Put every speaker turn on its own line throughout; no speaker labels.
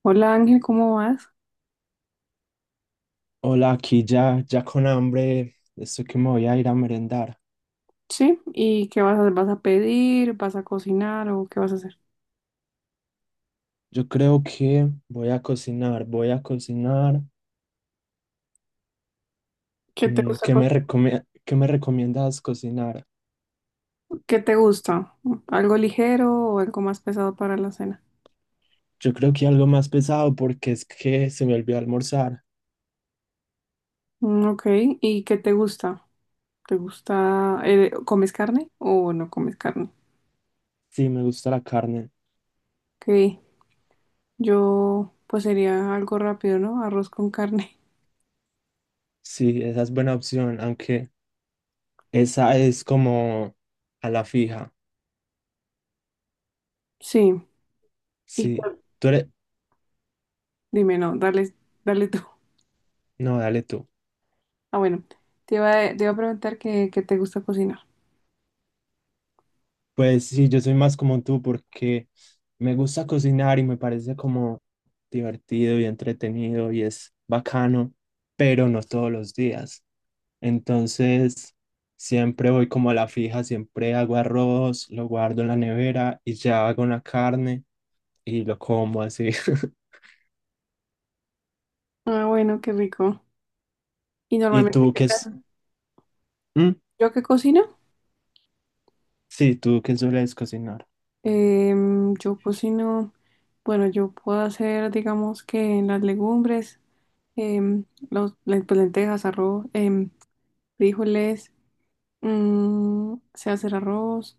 Hola Ángel, ¿cómo vas?
Hola, aquí ya, ya con hambre, estoy que me voy a ir a merendar.
Sí, ¿y qué vas a hacer? ¿Vas a pedir? ¿Vas a cocinar o qué vas a hacer?
Yo creo que voy a cocinar, voy a cocinar.
¿Qué te gusta?
¿Qué me recome- qué me recomiendas cocinar?
¿Qué te gusta? ¿Algo ligero o algo más pesado para la cena?
Yo creo que algo más pesado porque es que se me olvidó almorzar.
Mm, ok. ¿Y qué te gusta? ¿Te gusta, comes carne o no comes carne?
Sí, me gusta la carne.
Ok, yo pues sería algo rápido, ¿no? Arroz con carne.
Sí, esa es buena opción, aunque esa es como a la fija.
Sí, y
Sí, tú eres.
dime, no, dale, dale tú.
No, dale tú.
Ah, bueno, te iba a preguntar qué te gusta cocinar.
Pues sí, yo soy más como tú porque me gusta cocinar y me parece como divertido y entretenido y es bacano, pero no todos los días. Entonces, siempre voy como a la fija, siempre hago arroz, lo guardo en la nevera y ya hago una carne y lo como así.
Ah, bueno, qué rico. Y
¿Y
normalmente,
tú
¿qué
qué
te
es?
haces?
¿Mm?
¿Yo qué cocino?
Sí, tú qué sueles cocinar.
Yo cocino, bueno, yo puedo hacer, digamos que las legumbres, em, pues, lentejas, arroz, frijoles, sé hacer arroz,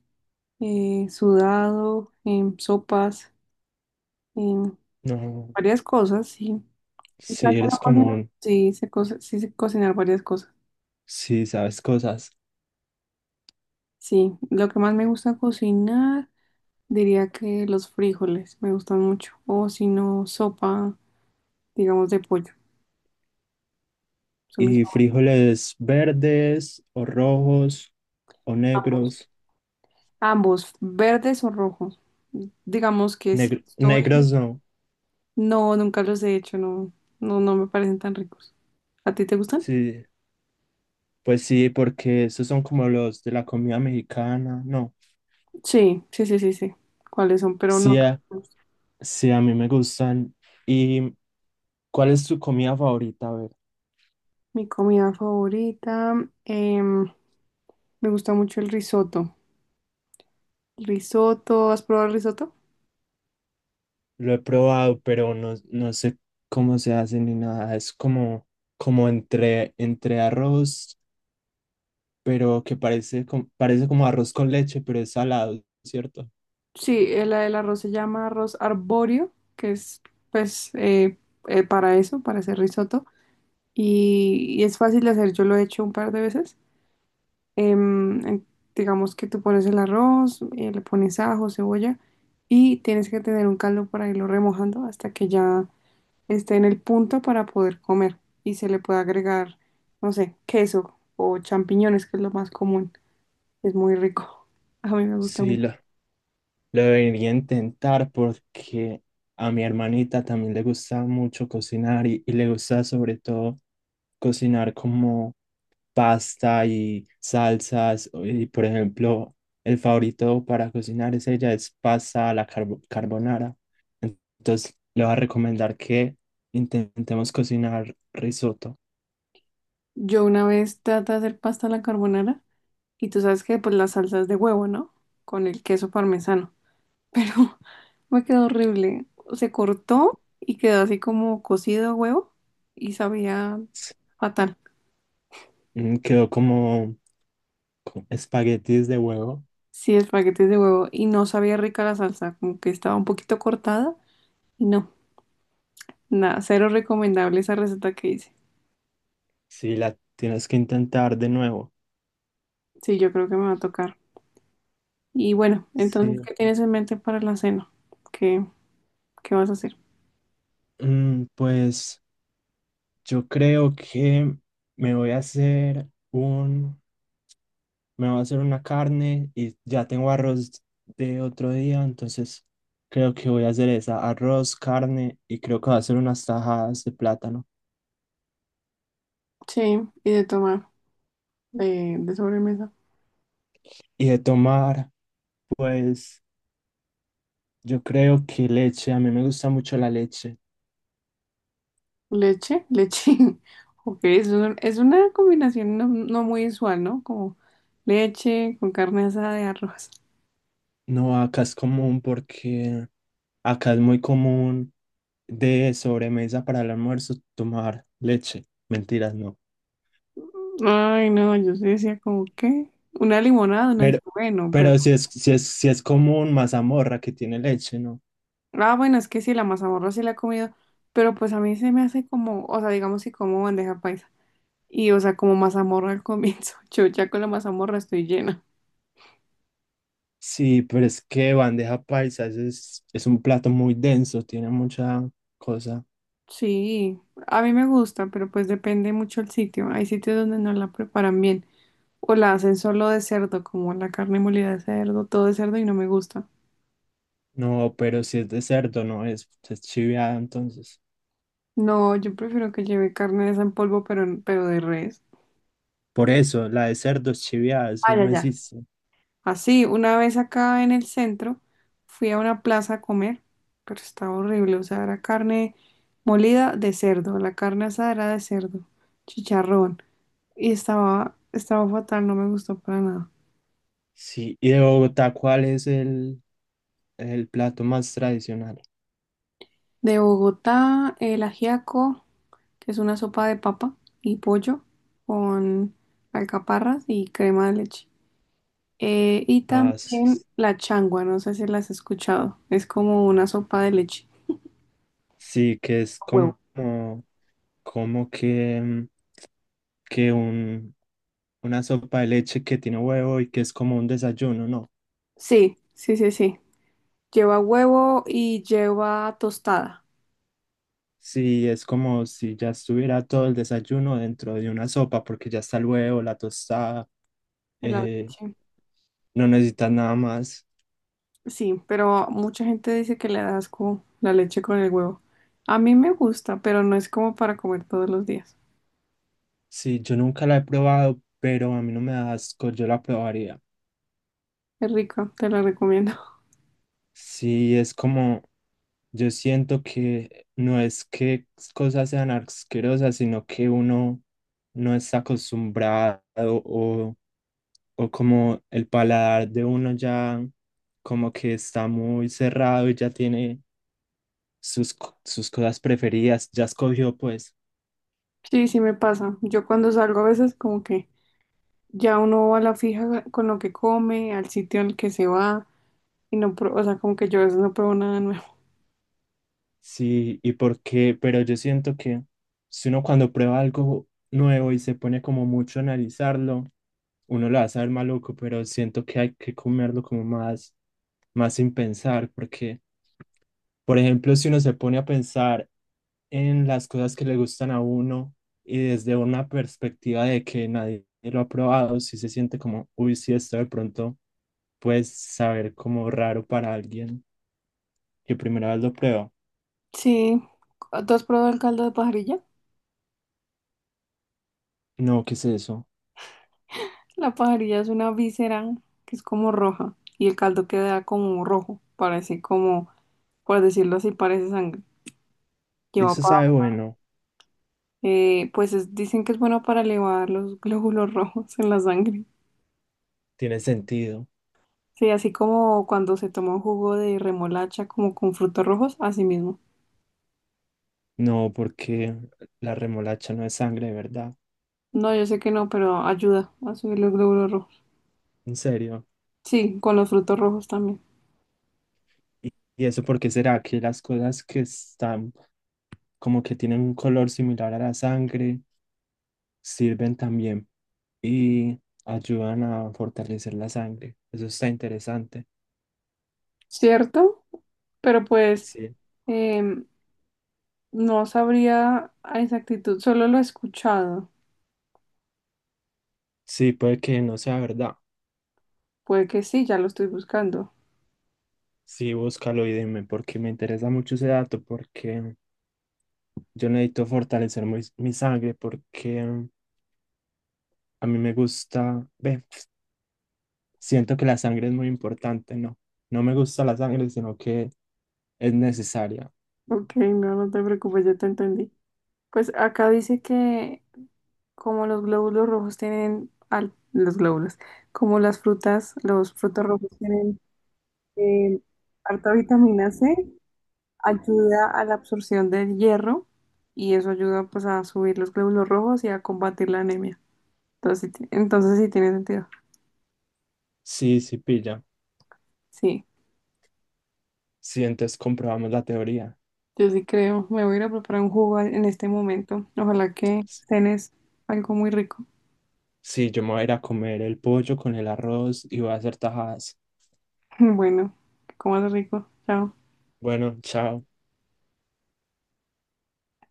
sudado, sopas, em,
No,
varias cosas, sí. En
si
casa no
eres
cocino.
común,
Sí, sí sé cocinar varias cosas.
si sabes cosas.
Sí, lo que más me gusta cocinar, diría que los frijoles me gustan mucho. O si no, sopa, digamos, de pollo. Son mis
¿Y frijoles verdes o rojos? O negros.
ambos, verdes o rojos. Digamos que si
Negr-
estoy,
negros no.
no, nunca los he hecho, no, no, no me parecen tan ricos. ¿A ti te gustan?
Sí, pues sí, porque esos son como los de la comida mexicana. No.
Sí, sí, sí, sí, sí. ¿Cuáles son? Pero no.
Sí, a- sí, a mí me gustan. ¿Y cuál es tu comida favorita? A ver,
Mi comida favorita, em, me gusta mucho el risotto. ¿Risotto? ¿Has probado el risotto?
lo he probado, pero no, no sé cómo se hace ni nada. Es como entre arroz, pero que parece como arroz con leche, pero es salado, ¿cierto?
Sí, el arroz se llama arroz arbóreo, que es pues para eso, para hacer risotto. Y es fácil de hacer, yo lo he hecho un par de veces. Em, en- digamos que tú pones el arroz, le pones ajo, cebolla y tienes que tener un caldo para irlo remojando hasta que ya esté en el punto para poder comer. Y se le puede agregar, no sé, queso o champiñones, que es lo más común. Es muy rico. A mí me gusta
Sí,
mucho.
lo debería intentar porque a mi hermanita también le gusta mucho cocinar y le gusta sobre todo cocinar como pasta y salsas. Y por ejemplo, el favorito para cocinar es ella, es pasta a la carbonara. Entonces, le voy a recomendar que intentemos cocinar risotto.
Yo una vez traté de hacer pasta a la carbonara. Y tú sabes que pues las salsas de huevo, ¿no? Con el queso parmesano. Pero me quedó horrible. Se cortó y quedó así como cocido a huevo y sabía fatal.
Quedó como espaguetis de huevo.
Sí, espaguetis de huevo y no sabía rica la salsa, como que estaba un poquito cortada y no, nada, cero recomendable esa receta que hice.
Sí, la tienes que intentar de nuevo.
Sí, yo creo que me va a tocar. Y bueno, entonces,
Sí.
¿qué tienes en mente para la cena? ¿Qué, qué vas a hacer?
Pues yo creo que me voy a hacer un, me voy a hacer una carne y ya tengo arroz de otro día, entonces creo que voy a hacer esa, arroz, carne y creo que voy a hacer unas tajadas de plátano.
Sí, y de tomar, de sobremesa.
Y de tomar, pues yo creo que leche, a mí me gusta mucho la leche.
Leche, leche. Ok, es una combinación no, no muy usual, ¿no? Como leche con carne asada de arroz.
No, acá es común porque acá es muy común de sobremesa para el almuerzo tomar leche. Mentiras, no.
Ay, no, yo sí decía como, ¿qué? Una limonada, uno dice,
Pero,
bueno, pero.
pero si es como un mazamorra que tiene leche, ¿no?
Ah, bueno, es que sí, la mazamorra sí la he comido, pero pues a mí se me hace como, o sea, digamos si como bandeja paisa. Y, o sea, como mazamorra al comienzo. Yo ya con la mazamorra estoy llena.
Sí, pero es que bandeja paisa es un plato muy denso, tiene mucha cosa.
Sí, a mí me gusta, pero pues depende mucho el sitio. Hay sitios donde no la preparan bien. O la hacen solo de cerdo, como la carne molida de cerdo, todo de cerdo y no me gusta.
No, pero si es de cerdo, no es chiviada, entonces.
No, yo prefiero que lleve carne de esa en polvo, pero de res.
Por eso, la de cerdo es chiviada, eso
Ah, ya,
no
ya.
existe.
Así, una vez acá en el centro, fui a una plaza a comer, pero estaba horrible. O sea, era carne molida de cerdo, la carne asada era de cerdo, chicharrón. Y estaba fatal, no me gustó para nada.
Sí, y de Bogotá, ¿cuál es el plato más tradicional?
De Bogotá, el ajiaco. Que es una sopa de papa y pollo con alcaparras y crema de leche. Y
Ah, sí,
también la changua, no sé si las has escuchado. Es como una sopa de leche.
sí, que es
Con
como,
huevo.
como que, que una sopa de leche que tiene huevo y que es como un desayuno, no.
Sí, sí, sí, sí. Lleva huevo y lleva tostada
Sí, es como si ya estuviera todo el desayuno dentro de una sopa, porque ya está el huevo, la tostada,
en la
eh,
leche.
no necesitas nada más.
Sí, pero mucha gente dice que le da asco la leche con el huevo. A mí me gusta, pero no es como para comer todos los días.
Sí, yo nunca la he probado, pero a mí no me da asco, yo la probaría.
Es rico, te lo recomiendo.
Sí, es como, yo siento que no es que cosas sean asquerosas, sino que uno no está acostumbrado o como el paladar de uno ya como que está muy cerrado y ya tiene sus cosas preferidas, ya escogió pues,
Sí, sí me pasa. Yo cuando salgo a veces como que ya uno va a la fija con lo que come, al sitio al que se va, y no, o sea, como que yo a veces no pruebo nada nuevo.
sí, y por qué, pero yo siento que si uno cuando prueba algo nuevo y se pone como mucho a analizarlo, uno lo va a saber maluco, pero siento que hay que comerlo como más, más sin pensar, porque, por ejemplo, si uno se pone a pensar en las cosas que le gustan a uno y desde una perspectiva de que nadie lo ha probado, si se siente como, uy, si esto de pronto puede saber como raro para alguien que primera vez lo prueba.
Sí, ¿tú has probado el caldo de pajarilla?
No, ¿qué es eso?
La pajarilla es una víscera que es como roja, y el caldo queda como rojo, parece como, por decirlo así, parece sangre. Lleva
Eso sabe
papa,
bueno,
pues dicen que es bueno para elevar los glóbulos rojos en la sangre.
tiene sentido.
Sí, así como cuando se toma un jugo de remolacha como con frutos rojos, así mismo.
No, porque la remolacha no es sangre, de ¿verdad?
No, yo sé que no, pero ayuda a subir los glóbulos rojos.
En serio.
Sí, con los frutos rojos también.
¿Y eso por qué será que las cosas que están como que tienen un color similar a la sangre sirven también y ayudan a fortalecer la sangre? Eso está interesante.
¿Cierto? Pero pues
Sí,
em, no sabría a exactitud, solo lo he escuchado.
sí, puede que no sea verdad.
Puede que sí, ya lo estoy buscando.
Sí, búscalo y dime, porque me interesa mucho ese dato, porque yo necesito fortalecer mi sangre, porque a mí me gusta, ve, siento que la sangre es muy importante, ¿no? No me gusta la sangre, sino que es necesaria.
Ok, no, no te preocupes, yo te entendí. Pues acá dice que como los glóbulos rojos tienen, los glóbulos, como las frutas, los frutos rojos tienen em, harta vitamina C, ayuda a la absorción del hierro y eso ayuda pues a subir los glóbulos rojos y a combatir la anemia. Entonces, entonces sí tiene sentido.
Sí, sí, pilla.
Sí,
Sí, entonces comprobamos la teoría.
yo sí creo. Me voy a ir a preparar un jugo en este momento. Ojalá que cenes algo muy rico.
Sí, yo me voy a ir a comer el pollo con el arroz y voy a hacer tajadas.
Bueno, que comas rico. Chao.
Bueno, chao.